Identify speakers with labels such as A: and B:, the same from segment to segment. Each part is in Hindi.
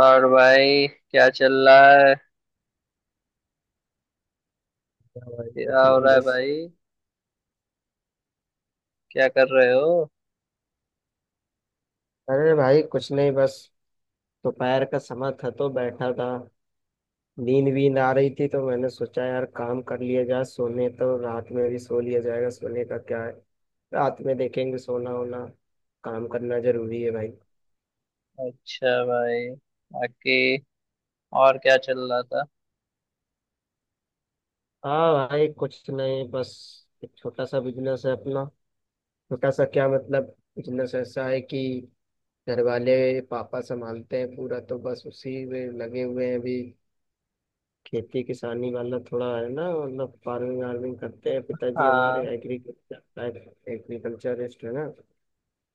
A: और भाई, क्या चल रहा है?
B: क्या भाई, कुछ
A: क्या हो
B: नहीं
A: रहा है
B: बस।
A: भाई? क्या कर रहे हो?
B: अरे भाई, कुछ नहीं बस। दोपहर का समय था तो बैठा था। नींद वींद आ रही थी तो मैंने सोचा यार काम कर लिया जाए, सोने तो रात में भी सो लिया जाएगा, सोने का क्या है। रात में देखेंगे सोना होना। काम करना जरूरी है भाई।
A: अच्छा भाई। बाकी और क्या चल रहा था?
B: हाँ भाई, कुछ नहीं बस। एक छोटा सा बिजनेस है अपना। छोटा सा क्या मतलब, बिजनेस ऐसा है कि घर वाले, पापा संभालते हैं पूरा, तो बस उसी में लगे हुए हैं अभी। खेती किसानी वाला थोड़ा है ना, मतलब फार्मिंग वार्मिंग करते हैं पिताजी हमारे,
A: हाँ,
B: एग्रीकल्चरिस्ट है ना।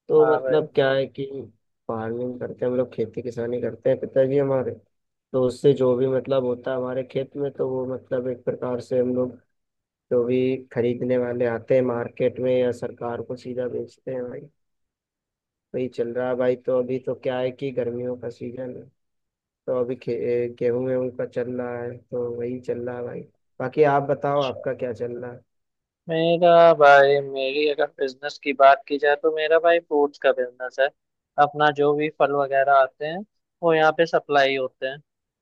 B: तो
A: हाँ भाई।
B: मतलब क्या है कि फार्मिंग करते हैं हम लोग, खेती किसानी करते हैं पिताजी हमारे। तो उससे जो भी मतलब होता है हमारे खेत में, तो वो मतलब एक प्रकार से हम लोग, जो भी खरीदने वाले आते हैं मार्केट में, या सरकार को सीधा बेचते हैं भाई। वही चल रहा है भाई। तो अभी तो क्या है कि गर्मियों का सीजन है। तो अभी गेहूं वेहूं का चल रहा है, तो वही चल रहा है भाई। बाकी आप बताओ,
A: अच्छा।
B: आपका क्या चल रहा है।
A: मेरा भाई, मेरी अगर बिजनेस की बात की जाए तो मेरा भाई फ्रूट्स का बिजनेस है। अपना जो भी फल वगैरह आते हैं वो यहाँ पे सप्लाई होते हैं।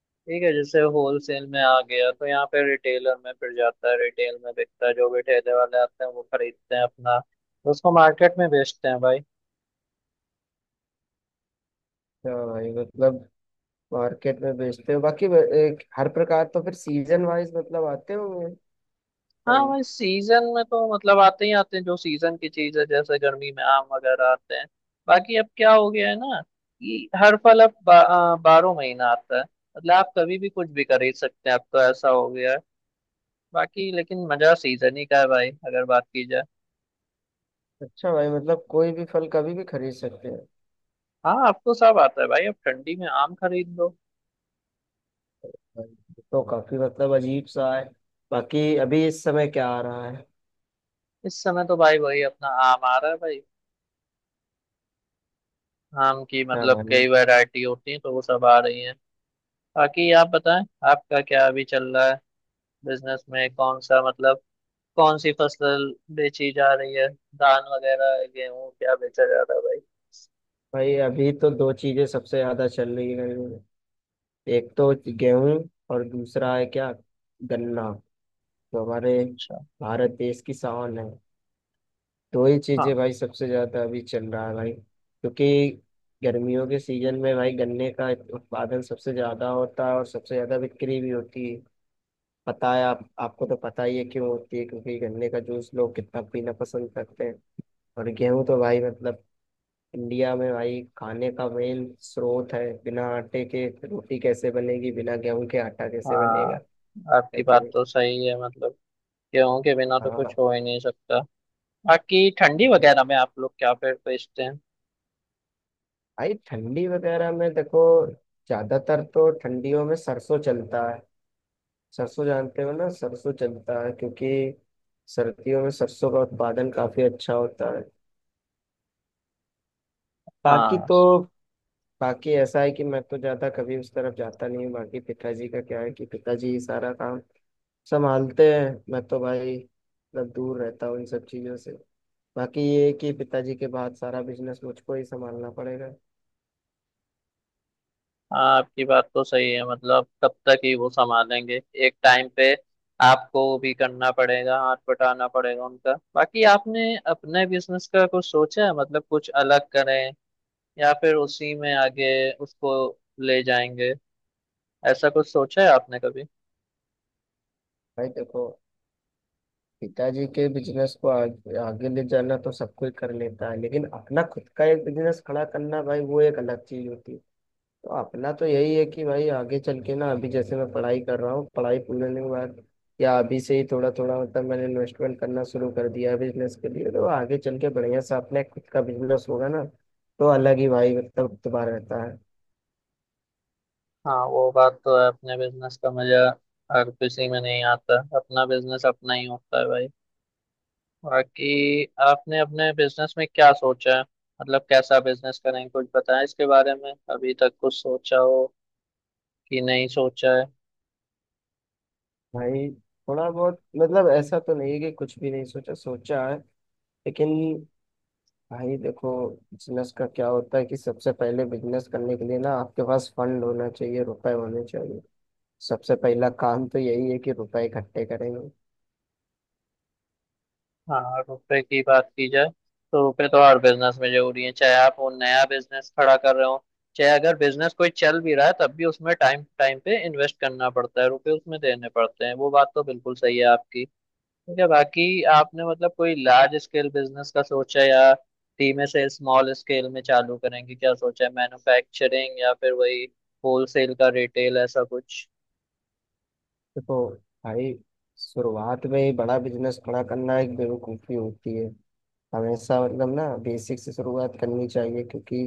A: ठीक है, जैसे होलसेल में आ गया तो यहाँ पे रिटेलर में फिर जाता है, रिटेल में बिकता है। जो भी ठेले वाले आते हैं वो खरीदते हैं अपना, तो उसको मार्केट में बेचते हैं भाई।
B: हाँ भाई मतलब, मार्केट में बेचते हो। बाकी एक हर प्रकार, तो फिर सीजन वाइज मतलब आते होंगे
A: हाँ
B: फल।
A: भाई, सीजन में तो मतलब आते ही आते हैं, जो सीजन की चीज है जैसे गर्मी में आम वगैरह आते हैं। बाकी अब क्या हो गया है ना कि हर फल अब बारह महीना आता है। मतलब आप कभी भी कुछ भी खरीद सकते हैं, अब तो ऐसा हो गया है। बाकी लेकिन मजा सीजन ही का है भाई, अगर बात की जाए।
B: अच्छा भाई, मतलब कोई भी फल कभी भी खरीद सकते हैं।
A: हाँ, अब तो सब आता है भाई, अब ठंडी में आम खरीद लो।
B: भाई, ये तो काफी मतलब अजीब सा है। बाकी अभी इस समय क्या आ रहा है।
A: इस समय तो भाई वही अपना आम आ रहा है भाई। आम की
B: क्या
A: मतलब
B: भाई।
A: कई वैरायटी होती है तो वो सब आ रही है। बाकी आप बताएं, आपका क्या अभी चल रहा है? बिजनेस में कौन सा, मतलब कौन सी फसल बेची जा रही है? धान वगैरह, गेहूं, क्या बेचा जा रहा है भाई?
B: भाई अभी तो दो चीजें सबसे ज्यादा चल रही है गर्मी में। एक तो गेहूं, और दूसरा है क्या, गन्ना, जो हमारे
A: अच्छा।
B: भारत देश की शान है। दो ही चीजें
A: हाँ,
B: भाई सबसे ज्यादा अभी चल रहा है भाई, क्योंकि गर्मियों के सीजन में भाई गन्ने का उत्पादन सबसे ज्यादा होता है, और सबसे ज्यादा बिक्री भी होती है। पता है, आप आपको तो पता ही है क्यों होती है, क्योंकि गन्ने का जूस लोग कितना पीना पसंद करते हैं। और गेहूं तो भाई मतलब इंडिया में भाई खाने का मेन स्रोत है। बिना आटे के रोटी कैसे बनेगी, बिना गेहूं के आटा कैसे
A: हाँ
B: बनेगा। है
A: आपकी
B: कि
A: बात
B: नहीं।
A: तो सही है, मतलब गेहूं के बिना तो कुछ
B: हाँ
A: हो ही नहीं सकता। बाकी ठंडी वगैरह में आप लोग क्या फिर बेचते हैं?
B: भाई, ठंडी वगैरह में देखो, ज्यादातर तो ठंडियों में सरसों चलता है। सरसों जानते हो ना, सरसों चलता है क्योंकि सर्दियों में सरसों का उत्पादन काफी अच्छा होता है। बाकी
A: हाँ,
B: तो बाकी ऐसा है कि मैं तो ज्यादा कभी उस तरफ जाता नहीं हूँ। बाकी पिताजी का क्या है कि पिताजी ही सारा काम संभालते हैं, मैं तो भाई मतलब दूर रहता हूँ इन सब चीजों से। बाकी ये है कि पिताजी के बाद सारा बिजनेस मुझको ही संभालना पड़ेगा।
A: हाँ आपकी बात तो सही है, मतलब कब तक ही वो संभालेंगे? एक टाइम पे आपको भी करना पड़ेगा, हाथ बटाना पड़ेगा उनका। बाकी आपने अपने बिजनेस का कुछ सोचा है, मतलब कुछ अलग करें या फिर उसी में आगे उसको ले जाएंगे? ऐसा कुछ सोचा है आपने कभी?
B: भाई देखो, पिताजी के बिजनेस को आगे ले जाना तो सब कोई कर लेता है, लेकिन अपना खुद का एक बिजनेस खड़ा करना भाई, वो एक अलग चीज होती है। तो अपना तो यही है कि भाई आगे चल के ना, अभी जैसे मैं पढ़ाई कर रहा हूँ, पढ़ाई पूरी होने के बाद या अभी से ही थोड़ा थोड़ा मतलब मैंने इन्वेस्टमेंट करना शुरू कर दिया है बिजनेस के लिए, तो आगे चल के बढ़िया से अपने खुद का बिजनेस होगा ना। तो अलग ही भाई मतलब इतबार रहता है।
A: हाँ, वो बात तो है, अपने बिजनेस का मजा हर किसी में नहीं आता। अपना बिजनेस अपना ही होता है भाई। बाकी आपने अपने बिजनेस में क्या सोचा है? मतलब कैसा बिजनेस करेंगे, कुछ बताएं इसके बारे में, अभी तक कुछ सोचा हो कि नहीं सोचा है?
B: भाई थोड़ा बहुत, मतलब ऐसा तो नहीं है कि कुछ भी नहीं सोचा, सोचा है। लेकिन भाई देखो, बिजनेस का क्या होता है कि सबसे पहले बिजनेस करने के लिए ना आपके पास फंड होना चाहिए, रुपए होने चाहिए। सबसे पहला काम तो यही है कि रुपए इकट्ठे करेंगे।
A: हाँ, रुपए की बात की जाए तो रुपए तो हर बिजनेस में जरूरी है, चाहे आप वो नया बिजनेस खड़ा कर रहे हो, चाहे अगर बिजनेस कोई चल भी रहा है तब भी उसमें टाइम टाइम पे इन्वेस्ट करना पड़ता है, रुपए उसमें देने पड़ते हैं। वो बात तो बिल्कुल सही है आपकी। ठीक है, बाकी आपने मतलब कोई लार्ज स्केल बिजनेस का सोचा या धीमे से स्मॉल स्केल में चालू करेंगे? क्या सोचा है, मैन्युफैक्चरिंग या फिर वही होलसेल का, रिटेल, ऐसा कुछ?
B: देखो भाई, शुरुआत में ही बड़ा बिजनेस खड़ा करना एक बेवकूफ़ी होती है। हमेशा मतलब ना बेसिक से शुरुआत करनी चाहिए, क्योंकि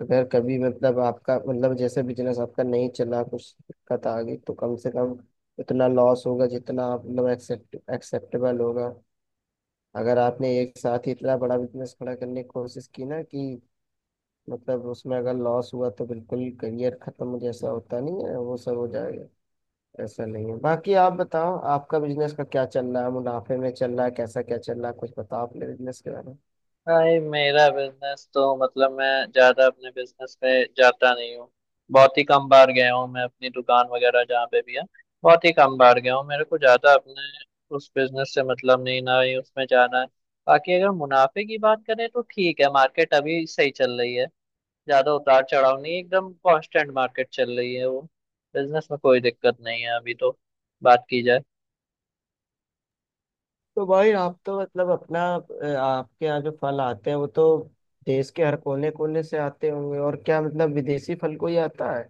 B: अगर कभी मतलब आपका मतलब जैसे बिजनेस आपका नहीं चला, कुछ दिक्कत आ गई, तो कम से कम उतना लॉस होगा जितना आप मतलब एक्सेप्टेबल होगा। अगर आपने एक साथ ही इतना बड़ा बिजनेस खड़ा करने की कोशिश की ना कि मतलब उसमें अगर लॉस हुआ तो बिल्कुल करियर खत्म जैसा, होता नहीं है वो सब, हो जाएगा। ऐसा नहीं है। बाकी आप बताओ, आपका बिजनेस का क्या चल रहा है, मुनाफे में चल रहा है, कैसा क्या चल रहा है, कुछ बताओ अपने बिजनेस के बारे में।
A: भाई मेरा बिजनेस तो, मतलब मैं ज्यादा अपने बिजनेस पे जाता नहीं हूँ। बहुत ही कम बार गया हूँ मैं अपनी दुकान वगैरह जहाँ पे भी है। बहुत ही कम बार गया हूँ, मेरे को ज्यादा अपने उस बिजनेस से मतलब नहीं, ना ही उसमें जाना है। बाकी अगर मुनाफे की बात करें तो ठीक है, मार्केट अभी सही चल रही है। ज्यादा उतार चढ़ाव नहीं, एकदम कांस्टेंट मार्केट चल रही है वो। बिजनेस में कोई दिक्कत नहीं है अभी तो, बात की जाए।
B: तो भाई आप तो मतलब आपके यहाँ जो फल आते हैं, वो तो देश के हर कोने कोने से आते होंगे। और क्या मतलब विदेशी फल कोई आता है।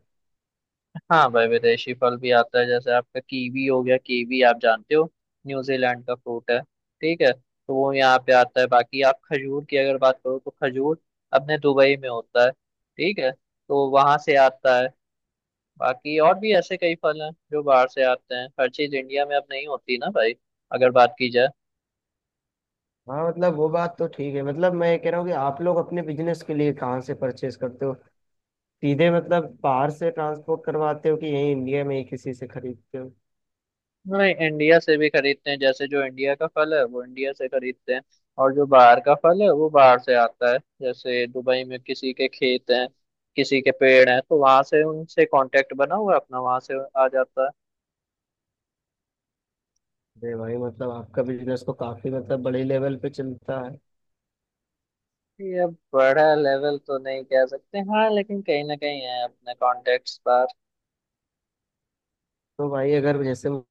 A: हाँ भाई, विदेशी फल भी आता है, जैसे आपका कीवी हो गया। कीवी आप जानते हो, न्यूजीलैंड का फ्रूट है। ठीक है, तो वो यहाँ पे आता है। बाकी आप खजूर की अगर बात करो तो खजूर अपने दुबई में होता है। ठीक है, तो वहां से आता है। बाकी और भी ऐसे कई फल हैं जो बाहर से आते हैं, हर चीज इंडिया में अब नहीं होती ना भाई, अगर बात की जाए।
B: हाँ, मतलब वो बात तो ठीक है, मतलब मैं ये कह रहा हूँ कि आप लोग अपने बिजनेस के लिए कहाँ से परचेज करते हो। सीधे मतलब बाहर से ट्रांसपोर्ट करवाते हो, कि यहीं इंडिया में ही किसी से खरीदते हो।
A: नहीं, इंडिया से भी खरीदते हैं। जैसे जो इंडिया का फल है वो इंडिया से खरीदते हैं, और जो बाहर का फल है वो बाहर से आता है। जैसे दुबई में किसी के खेत हैं, किसी के पेड़ हैं, तो वहां से उनसे कांटेक्ट बना हुआ है अपना, वहां से आ जाता है।
B: अरे भाई मतलब आपका बिजनेस तो काफी मतलब बड़े लेवल पे चलता है।
A: ये बड़ा लेवल तो नहीं कह सकते हाँ, लेकिन कहीं ना कहीं है अपने कॉन्टेक्ट्स पर।
B: तो भाई अगर जैसे मैं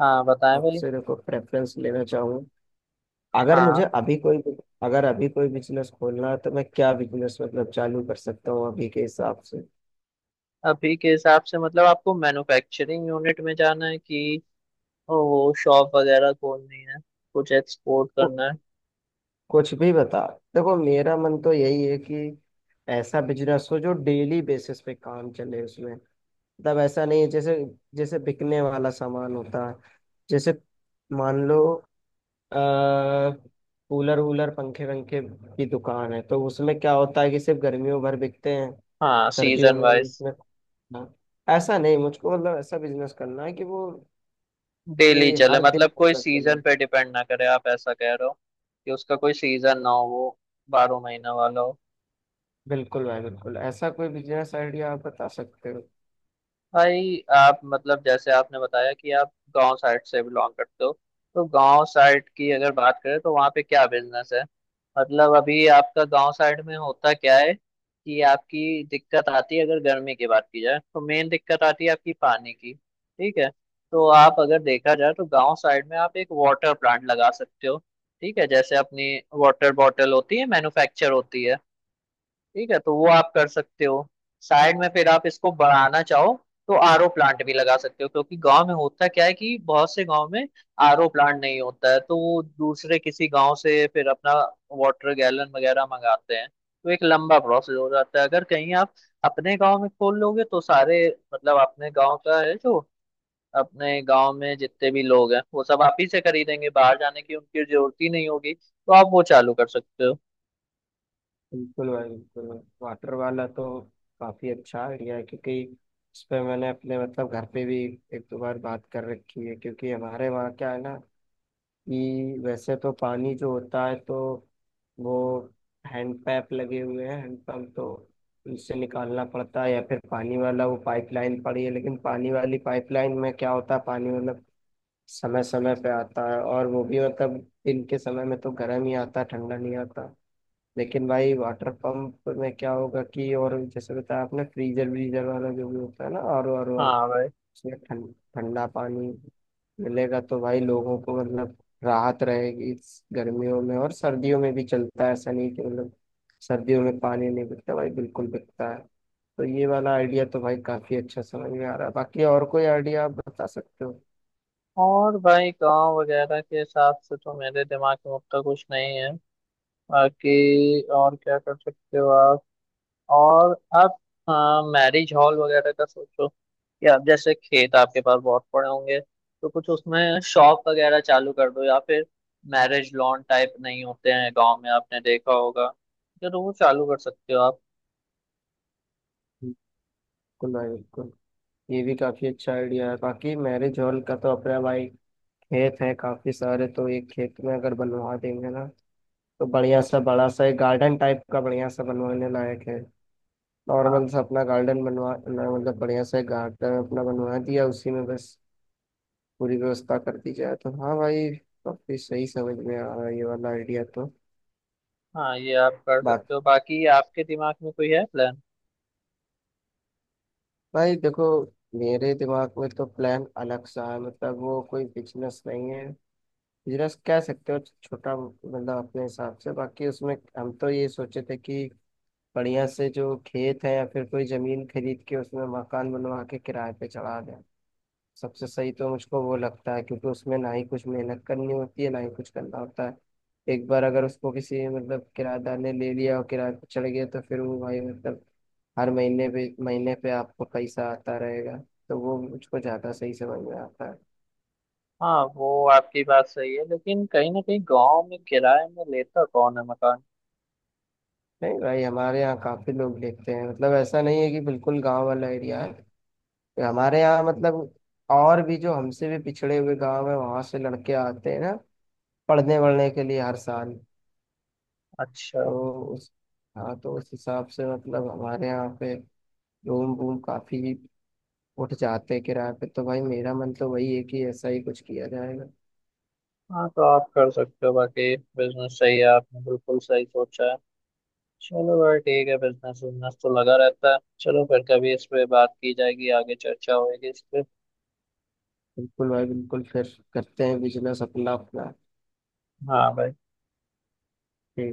A: हाँ बताएं भाई।
B: आपसे देखो प्रेफरेंस लेना चाहूँ, अगर मुझे
A: हाँ,
B: अभी कोई अगर अभी कोई बिजनेस खोलना है, तो मैं क्या बिजनेस मतलब चालू कर सकता हूँ अभी के हिसाब से।
A: अभी के हिसाब से मतलब आपको मैन्युफैक्चरिंग यूनिट में जाना है कि वो शॉप वगैरह खोलनी है, कुछ एक्सपोर्ट
B: कु-
A: करना है?
B: कुछ भी बता। देखो मेरा मन तो यही है कि ऐसा बिजनेस हो जो डेली बेसिस पे काम चले उसमें। मतलब ऐसा नहीं है जैसे जैसे बिकने वाला सामान होता है। जैसे मान लो, अ कूलर वूलर पंखे वंखे की दुकान है, तो उसमें क्या होता है कि सिर्फ गर्मियों भर बिकते हैं।
A: हाँ
B: सर्दियों
A: सीजन
B: में
A: वाइज।
B: उसमें, हाँ, ऐसा नहीं, मुझको मतलब ऐसा बिजनेस करना है कि वो
A: डेली
B: ये
A: चले,
B: हर दिन
A: मतलब कोई
B: मतलब चले।
A: सीजन पे डिपेंड ना करे, आप ऐसा कह रहे हो कि उसका कोई सीजन ना हो, वो बारह महीना वाला हो।
B: बिल्कुल भाई बिल्कुल, ऐसा कोई बिजनेस आइडिया आप बता सकते हो।
A: भाई आप मतलब, जैसे आपने बताया कि आप गांव साइड से बिलोंग करते हो, तो गांव साइड की अगर बात करें तो वहाँ पे क्या बिजनेस है? मतलब अभी आपका गांव साइड में होता क्या है कि आपकी दिक्कत आती है, अगर गर्मी की बात की जाए तो मेन दिक्कत आती है आपकी पानी की, ठीक है। तो आप अगर देखा जाए तो गांव साइड में आप एक वाटर प्लांट लगा सकते हो। ठीक है, जैसे अपनी वाटर बॉटल होती है, मैन्युफैक्चर होती है। ठीक है, तो वो आप कर सकते हो। साइड में फिर आप इसको बढ़ाना चाहो तो आरओ प्लांट भी लगा सकते हो, क्योंकि गांव में होता क्या है कि बहुत से गांव में आरओ प्लांट नहीं होता है, तो वो दूसरे किसी गांव से फिर अपना वाटर गैलन वगैरह मंगाते हैं, तो एक लंबा प्रोसेस हो जाता है। अगर कहीं आप अपने गांव में खोल लोगे तो सारे, मतलब अपने गांव का है जो, अपने गांव में जितने भी लोग हैं वो सब आप ही से खरीदेंगे, बाहर जाने की उनकी जरूरत ही नहीं होगी, तो आप वो चालू कर सकते हो।
B: बिल्कुल भाई बिल्कुल। वाटर वाला तो काफी अच्छा आइडिया है, क्योंकि इस पे मैंने अपने मतलब घर पे भी एक दो बार बात कर रखी है, क्योंकि हमारे वहाँ क्या है ना, कि वैसे तो पानी जो होता है तो वो हैंड पैप लगे हुए हैं, हैंड पंप तो उनसे निकालना पड़ता है, या फिर पानी वाला वो पाइपलाइन पड़ी है। लेकिन पानी वाली पाइपलाइन में क्या होता है, पानी मतलब समय समय पे आता है, और वो भी मतलब दिन के समय में तो गर्म ही आता है, ठंडा नहीं आता। लेकिन भाई वाटर पंप में क्या होगा कि और जैसे बताया आपने फ्रीजर व्रीजर वाला जो भी होता है ना, आर ओ,
A: हाँ।
B: उसमें ठंडा पानी मिलेगा, तो भाई लोगों को मतलब राहत रहेगी इस गर्मियों में। और सर्दियों में भी चलता है, ऐसा नहीं कि मतलब सर्दियों में पानी नहीं बिकता भाई, बिल्कुल बिकता है। तो ये वाला आइडिया तो भाई काफी अच्छा समझ में आ रहा है। बाकी और कोई आइडिया आप बता सकते हो।
A: और भाई, गांव वगैरह के हिसाब से तो मेरे दिमाग में उतना कुछ नहीं है। बाकी और क्या कर सकते हो आप? और आप, हाँ, मैरिज हॉल वगैरह का सोचो कि आप, जैसे खेत आपके पास बहुत पड़े होंगे, तो कुछ उसमें शॉप वगैरह चालू कर दो या फिर मैरिज लॉन टाइप नहीं होते हैं गांव में, आपने देखा होगा। जरूर चालू कर सकते हो आप।
B: बिल्कुल भाई बिल्कुल। ये भी काफी अच्छा आइडिया है। बाकी मैरिज हॉल का तो अपना भाई खेत है काफी सारे, तो एक खेत में अगर बनवा देंगे ना। तो बढ़िया सा बड़ा सा एक गार्डन टाइप का बढ़िया सा बनवाने लायक है।
A: हाँ।
B: नॉर्मल सा अपना गार्डन बनवा ना, मतलब बढ़िया सा एक गार्डन अपना बनवा दिया, उसी में बस पूरी व्यवस्था कर दी जाए, तो हाँ भाई। काफी सही समझ में आ रहा है ये वाला आइडिया तो।
A: हाँ, ये आप कर सकते
B: बाकी
A: हो। बाकी आपके दिमाग में कोई है प्लान?
B: भाई देखो, मेरे दिमाग में तो प्लान अलग सा है, मतलब वो कोई बिजनेस नहीं है, बिजनेस कह सकते हो छोटा, मतलब अपने हिसाब से। बाकी उसमें हम तो ये सोचे थे कि बढ़िया से जो खेत है या फिर कोई जमीन खरीद के उसमें मकान बनवा के किराए पे चढ़ा दें। सबसे सही तो मुझको वो लगता है, क्योंकि उसमें ना ही कुछ मेहनत करनी होती है, ना ही कुछ करना होता है। एक बार अगर उसको किसी मतलब किराएदार ने ले लिया और किराए पे चढ़ गया, तो फिर वो भाई मतलब हर महीने पे आपको पैसा आता रहेगा। तो वो मुझको ज़्यादा सही समझ में आता है।
A: हाँ, वो आपकी बात सही है, लेकिन कहीं ना कहीं गांव में किराए में लेता कौन है मकान?
B: नहीं भाई, हमारे यहाँ काफ़ी लोग देखते हैं, मतलब ऐसा नहीं है कि बिल्कुल गांव वाला एरिया है हमारे यहाँ, मतलब और भी जो हमसे भी पिछड़े हुए गांव है वहां से लड़के आते हैं ना, पढ़ने वढ़ने के लिए हर साल।
A: अच्छा।
B: तो उस हाँ, तो उस हिसाब से मतलब हमारे यहाँ पे रूम वूम काफी उठ जाते हैं किराए पे, तो भाई मेरा मन तो वही है कि ऐसा ही कुछ किया जाएगा।
A: हाँ, तो आप कर सकते हो। बाकी बिजनेस सही है, आपने बिल्कुल सही सोचा है। चलो भाई, ठीक है, बिजनेस बिजनेस तो लगा रहता है। चलो फिर कभी इस पे बात की जाएगी, आगे चर्चा होगी इस पे।
B: बिल्कुल भाई बिल्कुल, फिर करते हैं बिजनेस अपना अपना।
A: हाँ भाई।